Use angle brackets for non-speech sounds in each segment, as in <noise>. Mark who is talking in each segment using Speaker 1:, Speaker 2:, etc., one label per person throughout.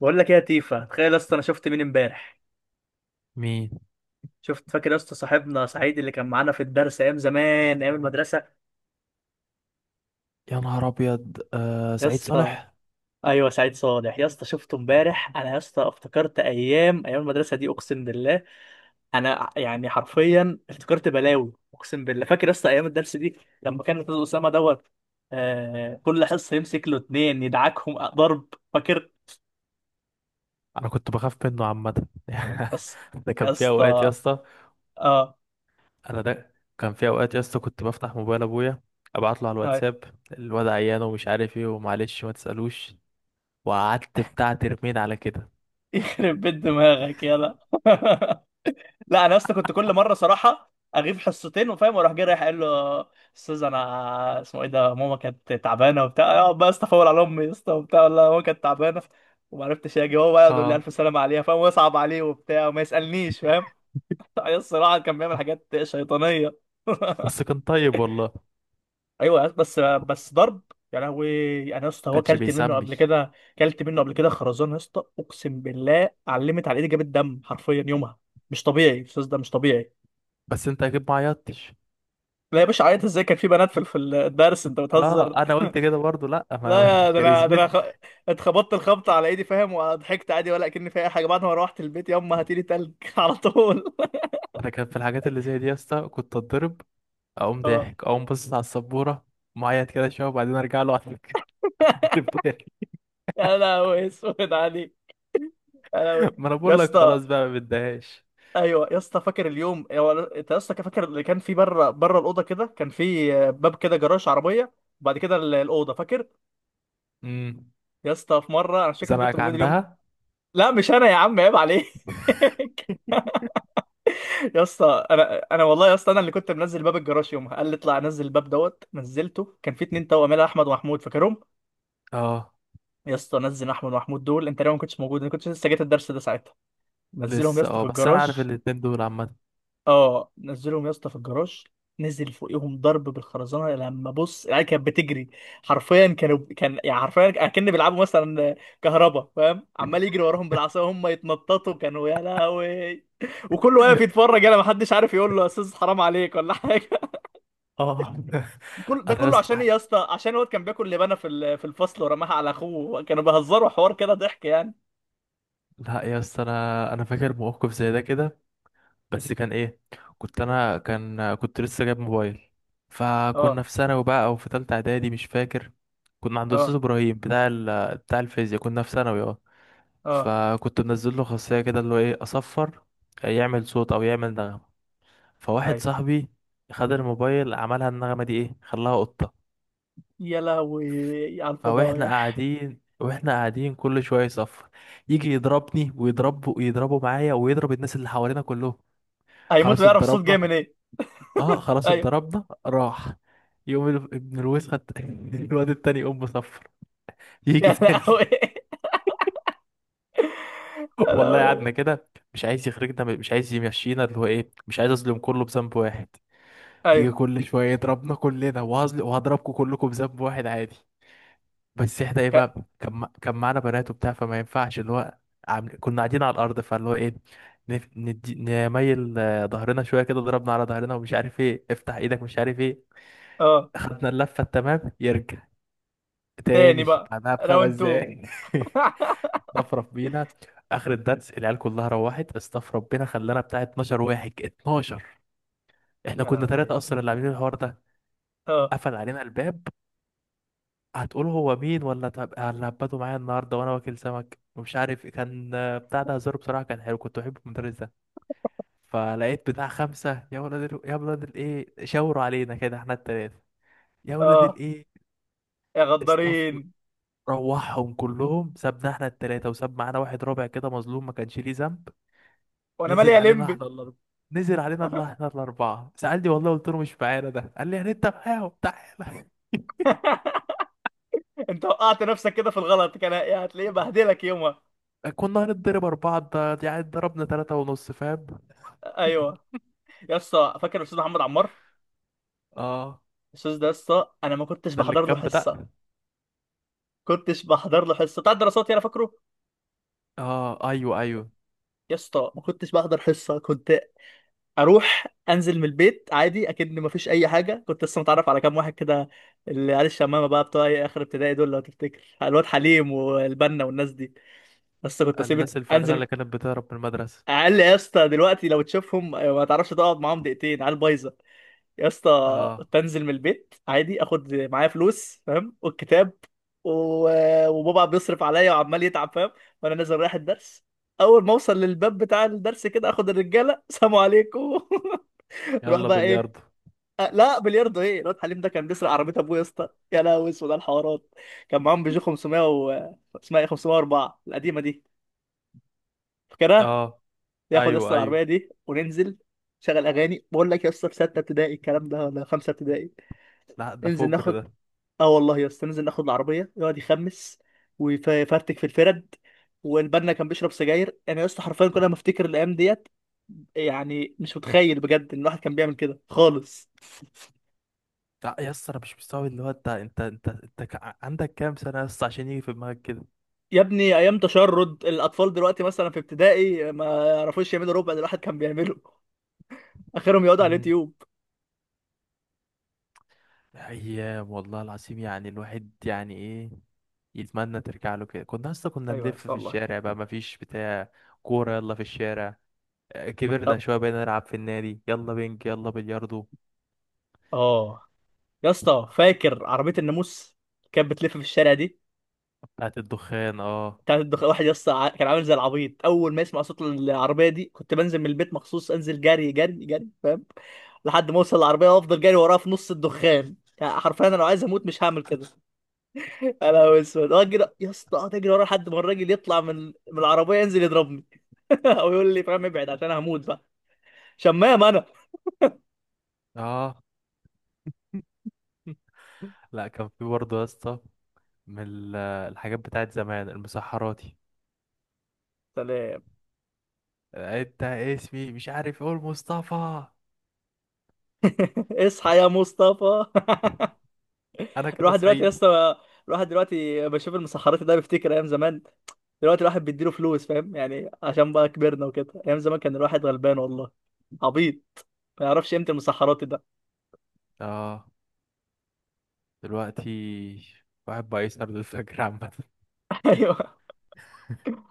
Speaker 1: بقول لك ايه يا تيفا. تخيل يا اسطى، انا شفت مين امبارح؟
Speaker 2: مين؟
Speaker 1: شفت، فاكر يا اسطى صاحبنا سعيد اللي كان معانا في الدرس ايام زمان، ايام المدرسه؟
Speaker 2: يا نهار ابيض، آه
Speaker 1: يا
Speaker 2: سعيد
Speaker 1: اسطى
Speaker 2: صالح.
Speaker 1: ايوه، سعيد صالح يا اسطى. شفته امبارح. انا يا اسطى افتكرت ايام المدرسه دي، اقسم بالله. انا يعني حرفيا افتكرت بلاوي اقسم بالله. فاكر يا اسطى ايام الدرس دي لما كان الاستاذ اسامه دوت؟ آه، كل حصه يمسك له اتنين يدعكهم ضرب، فاكر؟
Speaker 2: انا كنت بخاف منه عامه. <laughs>
Speaker 1: يا اسطى،
Speaker 2: ده كان
Speaker 1: يا
Speaker 2: في اوقات يا
Speaker 1: اسطى،
Speaker 2: اسطى.
Speaker 1: اه،
Speaker 2: انا ده كان في اوقات يا اسطى، كنت بفتح موبايل ابويا، ابعت له على
Speaker 1: آه،
Speaker 2: الواتساب، الواد عيان ومش عارف ايه ومعلش ما تسالوش، وقعدت بتاع ترمين على كده.
Speaker 1: <laughs> يخرب بيت دماغك يلا. <laughs> لا انا اصلا كنت كل مره صراحه اغيب حصتين وفاهم، واروح جاي رايح قايل له استاذ انا اسمه ايه ده ماما كانت تعبانه وبتاع، اقعد بقى استفول على امي يا اسطى وبتاع، والله ماما كانت تعبانه وما عرفتش اجي. هو بقى يقعد يقول لي
Speaker 2: اه،
Speaker 1: الف سلامه عليها فاهم ويصعب عليه وبتاع وما يسالنيش فاهم. <laughs> الصراحه كان بيعمل حاجات شيطانيه. <laughs>
Speaker 2: بس كان طيب والله، ما
Speaker 1: ايوه يا اسطى، بس ضرب. يا لهوي. انا يا اسطى هو
Speaker 2: كانش
Speaker 1: كلت منه
Speaker 2: بيسمي.
Speaker 1: قبل كده، كلت منه قبل كده خرزان يا اسطى، اقسم بالله علمت على ايدي جابت دم حرفيا يومها. مش طبيعي الاستاذ ده، مش طبيعي.
Speaker 2: بس انت اكيد ما عيطتش.
Speaker 1: لا يا باشا، عيط ازاي، كان في بنات في الدرس، انت
Speaker 2: اه،
Speaker 1: بتهزر؟
Speaker 2: انا
Speaker 1: <laughs>
Speaker 2: قلت كده برضو، لا ما <laughs>
Speaker 1: لا يا ده انا ده انا
Speaker 2: كاريزمتي.
Speaker 1: اتخبطت الخبطه على ايدي فاهم، وضحكت عادي ولا كأني في اي حاجه. بعد ما روحت البيت، يما هاتيلي تلج <laughs> على طول.
Speaker 2: انا كان في الحاجات اللي زي دي يا اسطى كنت اتضرب، اقوم
Speaker 1: اه.
Speaker 2: ضاحك، اقوم باصص على السبوره، معيط كده شويه، وبعدين ارجع له على الفطار.
Speaker 1: يا لهوي اسود عليك. يا لهوي
Speaker 2: <laughs> ما انا
Speaker 1: يا
Speaker 2: بقول لك
Speaker 1: اسطى.
Speaker 2: خلاص بقى، ما بديهاش.
Speaker 1: ايوه يا اسطى، فاكر اليوم هو، انت يا اسطى كان فاكر اللي كان في بره الاوضه كده، كان في باب كده جراج عربيه، وبعد كده الاوضه، فاكر؟
Speaker 2: امم،
Speaker 1: يا اسطى في مره، انا مش فاكر انت كنت
Speaker 2: زمانك
Speaker 1: موجود اليوم.
Speaker 2: عندها.
Speaker 1: لا مش انا يا عم، عيب عليك. <laughs> يا اسطى انا والله يا اسطى انا اللي كنت منزل باب الجراج يومها. قال لي اطلع نزل الباب دوت. نزلته، كان في اتنين توأم يلا احمد ومحمود، فاكرهم؟
Speaker 2: اه،
Speaker 1: يا اسطى نزل احمد ومحمود دول، انت لو ما كنتش موجود، انا كنت لسه جيت الدرس ده ساعتها. نزلهم يا
Speaker 2: لسه،
Speaker 1: اسطى
Speaker 2: اه
Speaker 1: في
Speaker 2: بس انا عارف
Speaker 1: الجراج.
Speaker 2: الاتنين دول عامه.
Speaker 1: اه، نزلهم يا اسطى في الجراج، نزل فوقيهم ضرب بالخرزانه. لما بص العيال كانت بتجري، حرفيا كانوا، كان يعني حرفيا اكن بيلعبوا مثلا كهربا فاهم، عمال يجري وراهم بالعصا وهم يتنططوا. كانوا يا لهوي، وكله واقف يتفرج. انا ما حدش عارف يقول له يا استاذ حرام عليك ولا <laughs> حاجه.
Speaker 2: اه. <laughs>
Speaker 1: كل ده
Speaker 2: انا يا
Speaker 1: كله عشان ايه
Speaker 2: اسطى،
Speaker 1: يا اسطى؟ عشان الواد كان بياكل لبانه في في الفصل ورماها على اخوه. كانوا بيهزروا حوار كده، ضحك يعني.
Speaker 2: لا يا اسطى، انا فاكر موقف زي ده كده، بس كان ايه، كنت انا كان كنت لسه جايب موبايل، فكنا
Speaker 1: اه،
Speaker 2: في ثانوي بقى او في ثالثه اعدادي مش فاكر. كنا عند استاذ
Speaker 1: اه،
Speaker 2: ابراهيم بتاع بتاع الفيزياء، كنا في ثانوي. اه،
Speaker 1: اه،
Speaker 2: فكنت منزل له خاصية كده اللي هو ايه، اصفر، آه، يعمل صوت او يعمل نغمة. فواحد
Speaker 1: ايوه.
Speaker 2: صاحبي خد الموبايل، عملها النغمة دي ايه، خلاها قطة.
Speaker 1: يا لهوي على
Speaker 2: او احنا
Speaker 1: الفضايح.
Speaker 2: قاعدين، واحنا قاعدين كل شوية يصفر، يجي يضربني ويضربه ويضربه معايا، ويضرب الناس اللي حوالينا كلهم.
Speaker 1: هيموت
Speaker 2: خلاص
Speaker 1: ويعرف الصوت
Speaker 2: اتضربنا.
Speaker 1: جاي من ايه.
Speaker 2: اه، خلاص
Speaker 1: ايوه.
Speaker 2: اتضربنا راح. يقوم ابن الوسخة <laughs> الواد التاني يقوم مصفر،
Speaker 1: <laughs>
Speaker 2: يجي
Speaker 1: يا
Speaker 2: تاني.
Speaker 1: لهوي.
Speaker 2: <laughs>
Speaker 1: يا
Speaker 2: والله
Speaker 1: لهوي.
Speaker 2: قعدنا كده، مش عايز يخرجنا، مش عايز يمشينا، اللي هو ايه، مش عايز اظلم كله بذنب واحد، يجي
Speaker 1: ايوه.
Speaker 2: كل شوية يضربنا كلنا، وهزل وهضربكم كلكم بذنب واحد عادي. بس احنا ايه
Speaker 1: ك...
Speaker 2: بقى، كان معانا بنات وبتاع، فما ينفعش اللي هو كنا قاعدين على الأرض، فاللي هو ايه، نميل آه، ظهرنا شوية كده، ضربنا على ظهرنا ومش عارف ايه، افتح ايدك مش عارف ايه.
Speaker 1: اه.
Speaker 2: خدنا اللفة، التمام، يرجع
Speaker 1: تاني
Speaker 2: تاني
Speaker 1: بقى،
Speaker 2: بعدها بخمس
Speaker 1: راوند 2.
Speaker 2: دقايق. <laughs>
Speaker 1: <laughs>
Speaker 2: استفرف بينا، اخر الدرس العيال كلها روحت، استفرف بينا، خلانا بتاع 12 واحد 12. احنا
Speaker 1: يا
Speaker 2: كنا ثلاثة
Speaker 1: لهوي.
Speaker 2: اصلا اللي عاملين الحوار ده،
Speaker 1: اه،
Speaker 2: قفل علينا الباب، هتقول هو مين ولا طب هبته معايا النهارده وانا واكل سمك ومش عارف إيه. كان آه، بتاع ده هزار بصراحه، كان حلو، كنت بحب المدرس ده. فلقيت بتاع خمسه، يا ولاد يا ولاد الايه، شاوروا علينا كده احنا التلاته، يا ولاد
Speaker 1: اه،
Speaker 2: الايه،
Speaker 1: يا
Speaker 2: استاف،
Speaker 1: غدارين.
Speaker 2: روحهم كلهم، سابنا احنا التلاته، وساب معانا واحد رابع كده مظلوم، ما كانش ليه ذنب.
Speaker 1: وانا مالي
Speaker 2: نزل
Speaker 1: يا
Speaker 2: علينا
Speaker 1: لمبي.
Speaker 2: احنا الاربعه، نزل علينا الله احنا الاربعه، سالني والله، قلت له مش معانا ده، قال لي يعني انت معاهم، تعالى.
Speaker 1: انت وقعت نفسك كده في الغلط، كان يعني هتلاقيه بهدلك يومها.
Speaker 2: <laughs> كنا هنضرب اربعه، ده يعني ضربنا ثلاثه ونص فاهم.
Speaker 1: ايوه يا اسطى، فاكر الاستاذ محمد عمار؟
Speaker 2: اه،
Speaker 1: الاستاذ ده يا اسطى انا ما كنتش
Speaker 2: ده اللي
Speaker 1: بحضر له
Speaker 2: كان
Speaker 1: حصه،
Speaker 2: بتاع.
Speaker 1: كنتش بحضر له حصه بتاع الدراسات يعني، فاكره؟
Speaker 2: اه، ايوه ايوه،
Speaker 1: يا اسطى ما كنتش بحضر حصه، كنت اروح انزل من البيت عادي اكن ما فيش اي حاجه. كنت لسه متعرف على كام واحد كده، اللي عيال الشمامه بقى بتوع إيه اخر ابتدائي دول، لو تفتكر الواد حليم والبنا والناس دي. بس كنت اسيب
Speaker 2: الناس الفترة
Speaker 1: انزل.
Speaker 2: اللي كانت بتهرب من المدرسة.
Speaker 1: اقل يا اسطى، دلوقتي لو تشوفهم ما تعرفش تقعد معاهم دقيقتين، عيال بايظه. يا اسطى
Speaker 2: اه،
Speaker 1: بنزل من البيت عادي، اخد معايا فلوس فاهم والكتاب، وبابا بيصرف عليا وعمال يتعب فاهم، وانا نازل رايح الدرس. اول ما اوصل للباب بتاع الدرس كده، اخد الرجاله سلام عليكم. <laughs> نروح
Speaker 2: يلا
Speaker 1: بقى ايه؟
Speaker 2: بلياردو.
Speaker 1: أه لا بلياردو. ايه الواد حليم ده كان بيسرق عربيه ابوه يا اسطى، يا لهوي اسود على الحوارات. كان معاهم بيجو 500 و، اسمها ايه، 504 القديمه دي، فاكرها؟
Speaker 2: اه،
Speaker 1: ياخد يا اسطى
Speaker 2: ايوه ايوه.
Speaker 1: العربيه دي وننزل شغل اغاني. بقول لك يا اسطى في 6 ابتدائي الكلام ده، ولا 5 ابتدائي.
Speaker 2: لا ده
Speaker 1: انزل
Speaker 2: فجر
Speaker 1: ناخد.
Speaker 2: ده.
Speaker 1: اه والله يا اسطى، ننزل ناخد العربيه يقعد يخمس ويفرتك في الفرد. والبنا كان بيشرب سجاير. انا يا اسطى حرفيا كل ما افتكر الايام ديت، يعني مش متخيل بجد ان الواحد كان بيعمل كده خالص.
Speaker 2: لا يا اسطى، انا مش مستوعب اللي هو، انت عندك كام سنة يا اسطى عشان يجي في دماغك كده.
Speaker 1: يا ابني ايام تشرد الاطفال دلوقتي مثلا في ابتدائي ما يعرفوش يعملوا ربع اللي الواحد كان بيعمله. <laughs> اخرهم يقعدوا على
Speaker 2: امم،
Speaker 1: اليوتيوب.
Speaker 2: ايام والله العظيم، يعني الواحد يعني ايه، يتمنى ترجع له كده. كنا اصلا كنا
Speaker 1: ايوه يا
Speaker 2: نلف
Speaker 1: اسطى
Speaker 2: في
Speaker 1: والله.
Speaker 2: الشارع بقى، مفيش بتاع، كورة يلا في الشارع. آه، كبرنا
Speaker 1: طب
Speaker 2: شوية بقينا نلعب في النادي، يلا بينج يلا بلياردو.
Speaker 1: اه يا اسطى، فاكر عربيه الناموس كانت بتلف في الشارع دي؟
Speaker 2: بتاعت الدخان، اه.
Speaker 1: كان واحد يس كان عامل زي العبيط، اول ما يسمع صوت العربيه دي كنت بنزل من البيت مخصوص، انزل جري جري جري فاهم، لحد ما اوصل العربيه وافضل جري وراها في نص الدخان. يعني حرفيا انا لو عايز اموت مش هعمل كده. انا اسود اجري يا اسطى، اقعد اجري ورا لحد ما الراجل يطلع من العربيه، ينزل يضربني <laughs> او يقول لي فاهم ابعد عشان هموت بقى. شمام انا.
Speaker 2: اه. <laughs> لا كان في برضه يا اسطى من ال- الحاجات بتاعت زمان، المسحراتي.
Speaker 1: سلام.
Speaker 2: آه، انت اسمي مش عارف، اقول مصطفى.
Speaker 1: <laughs> اصحى يا مصطفى. <laughs>
Speaker 2: انا كده
Speaker 1: الواحد دلوقتي يا
Speaker 2: صعيد.
Speaker 1: اسطى، الواحد دلوقتي بشوف المسحرات ده بيفتكر ايام زمان. دلوقتي الواحد بيديله فلوس فاهم يعني، عشان بقى كبرنا وكده. ايام زمان كان الواحد غلبان والله، عبيط، ما يعرفش قيمه المسحرات ده.
Speaker 2: اه. دلوقتي واحد بقى يسهر للفجر عامة.
Speaker 1: <laughs> ايوه.
Speaker 2: <laughs>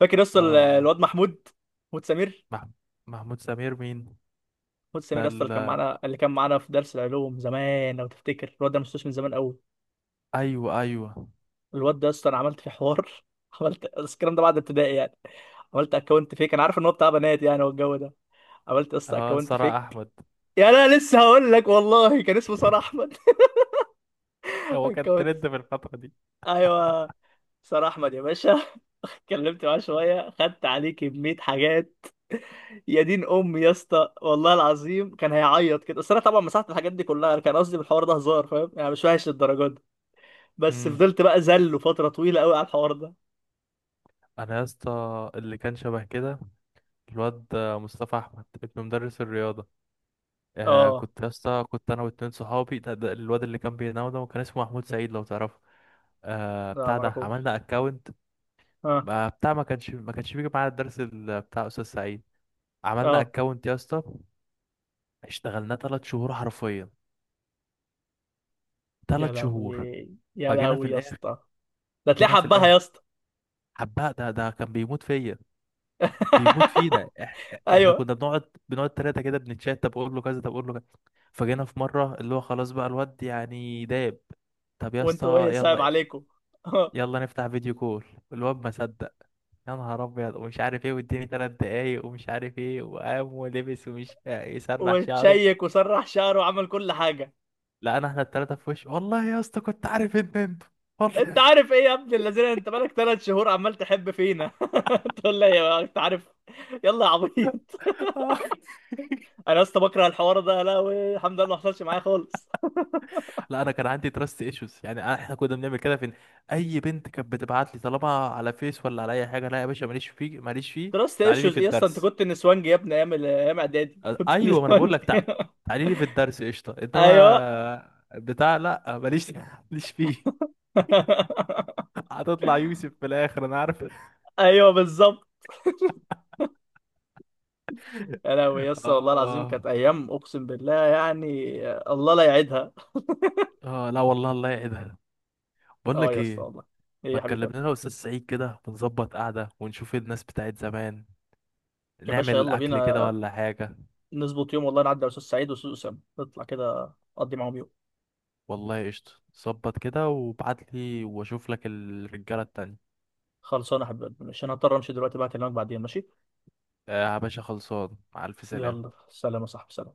Speaker 1: فاكر يا اسطى
Speaker 2: اه،
Speaker 1: الواد محمود سمير.
Speaker 2: مح... محمود سمير مين؟
Speaker 1: محمود سمير
Speaker 2: ده
Speaker 1: يا اسطى اللي
Speaker 2: ال...
Speaker 1: كان معانا، اللي كان معانا في درس العلوم زمان، لو تفتكر الواد ده، مش من زمان قوي.
Speaker 2: ايوه ايوه.
Speaker 1: الواد ده يا اسطى انا عملت فيه حوار، <laughs> عملت بس الكلام ده بعد ابتدائي يعني. عملت اكونت فيك، انا عارف ان هو بتاع بنات يعني والجو ده، عملت يا اسطى
Speaker 2: اه،
Speaker 1: اكونت
Speaker 2: سارة
Speaker 1: فيك.
Speaker 2: احمد.
Speaker 1: يعني انا لسه هقول لك والله، كان اسمه سار
Speaker 2: <laughs>
Speaker 1: احمد. <laughs>
Speaker 2: هو كان
Speaker 1: كنت،
Speaker 2: ترند في الفترة دي.
Speaker 1: ايوه، سار احمد يا باشا. <laughs> اتكلمت معاه شويه، خدت عليه كميه حاجات. يا دين امي يا اسطى والله العظيم كان هيعيط كده. بس انا طبعا مسحت الحاجات دي كلها، انا كان قصدي بالحوار ده هزار فاهم، يعني مش وحش للدرجه دي. بس
Speaker 2: امم،
Speaker 1: فضلت بقى زله فتره طويله قوي على الحوار ده.
Speaker 2: انا يا اسطى اللي كان شبه كده، الواد مصطفى احمد ابن مدرس الرياضة. آه
Speaker 1: اه.
Speaker 2: كنت يا اسطى، كنت انا واتنين صحابي، ده الواد اللي كان بينام ده، وكان اسمه محمود سعيد لو تعرفه. آه
Speaker 1: لا
Speaker 2: بتاع ده
Speaker 1: معرفوش.
Speaker 2: عملنا اكونت.
Speaker 1: اه،
Speaker 2: بتاع ما كانش بيجي معانا الدرس، بتاع استاذ سعيد. عملنا
Speaker 1: اه.
Speaker 2: اكونت يا اسطى، اشتغلناه تلات شهور حرفيا،
Speaker 1: يا
Speaker 2: تلات
Speaker 1: لهوي.
Speaker 2: شهور.
Speaker 1: يا
Speaker 2: فجينا في
Speaker 1: لهوي يا
Speaker 2: الاخر،
Speaker 1: اسطى. ده تلاقيه
Speaker 2: جينا في
Speaker 1: حبها يا
Speaker 2: الاخر،
Speaker 1: اسطى.
Speaker 2: حباه، ده كان بيموت فيا، بيموت فينا إح.
Speaker 1: <laughs>
Speaker 2: احنا
Speaker 1: ايوه.
Speaker 2: كنا بنقعد تلاتة كده بنتشات، طب اقول له كذا، طب اقول له كذا. فجينا في مرة اللي هو خلاص بقى، الواد يعني داب. طب يا
Speaker 1: وانتوا
Speaker 2: اسطى
Speaker 1: ايه، صعب
Speaker 2: يلا،
Speaker 1: عليكم؟ <laughs>
Speaker 2: يلا نفتح فيديو كول. الواد ما صدق، يا نهار ابيض ومش عارف ايه، واديني ثلاث دقايق ومش عارف ايه، وقام ولبس ومش يسرح شعره.
Speaker 1: وتشيك وسرح شعره وعمل كل حاجة.
Speaker 2: لقينا احنا الثلاثه في وش، والله يا اسطى كنت عارف ان انت،
Speaker 1: انت
Speaker 2: والله.
Speaker 1: عارف ايه يا ابن الذين، انت بقالك 3 شهور عمال تحب فينا. <laughs> تقول لي يا انت عارف. يلا يا عبيط.
Speaker 2: <laughs> آه.
Speaker 1: انا اصلا بكره الحوار ده، لا. الحمد لله ما حصلش معايا خالص.
Speaker 2: لا انا كان عندي تراست ايشوز يعني، احنا كنا بنعمل كده فين. اي بنت كانت بتبعت لي طالما على فيس ولا على اي حاجه، لا يا باشا، ماليش فيه، ماليش فيه.
Speaker 1: تراست
Speaker 2: تعالي لي
Speaker 1: ايشوز
Speaker 2: في
Speaker 1: ايه اصلا، انت
Speaker 2: الدرس.
Speaker 1: كنت نسوانجي يا ابني ايام ايام اعدادي. <laughs> كنت
Speaker 2: ايوه ما انا بقول لك
Speaker 1: نسوانجي. <laughs>
Speaker 2: تعالي لي في الدرس قشطه،
Speaker 1: ايوه.
Speaker 2: انما بتاع لا، ماليش، ماليش فيه.
Speaker 1: <laughs>
Speaker 2: هتطلع يوسف في الاخر انا عارف.
Speaker 1: ايوه بالظبط. يا لهوي يا اسطى والله العظيم كانت
Speaker 2: اه.
Speaker 1: ايام اقسم بالله يعني، الله لا يعيدها.
Speaker 2: اه، لا والله، الله يعيدها. بقول
Speaker 1: اه
Speaker 2: لك
Speaker 1: يا اسطى
Speaker 2: ايه،
Speaker 1: والله. ايه
Speaker 2: ما
Speaker 1: يا حبيبي؟
Speaker 2: تكلمنا انا استاذ سعيد كده، ونظبط قعده، ونشوف ايه الناس بتاعت زمان،
Speaker 1: يا باشا
Speaker 2: نعمل
Speaker 1: يلا
Speaker 2: اكل كده
Speaker 1: بينا،
Speaker 2: ولا حاجه.
Speaker 1: نظبط يوم والله نعدي على أستاذ سعيد وأستاذ أسامة، نطلع كده أقضي معاهم يوم.
Speaker 2: والله قشطه، ظبط كده وابعت لي، واشوف لك الرجاله التانية.
Speaker 1: خلصانة يا حبيبي، مش أنا هضطر أمشي دلوقتي بقى، أكلمك بعدين ماشي.
Speaker 2: آه يا باشا، خلصان، مع الف
Speaker 1: يلا
Speaker 2: سلامه.
Speaker 1: سلام يا صاحبي، سلام.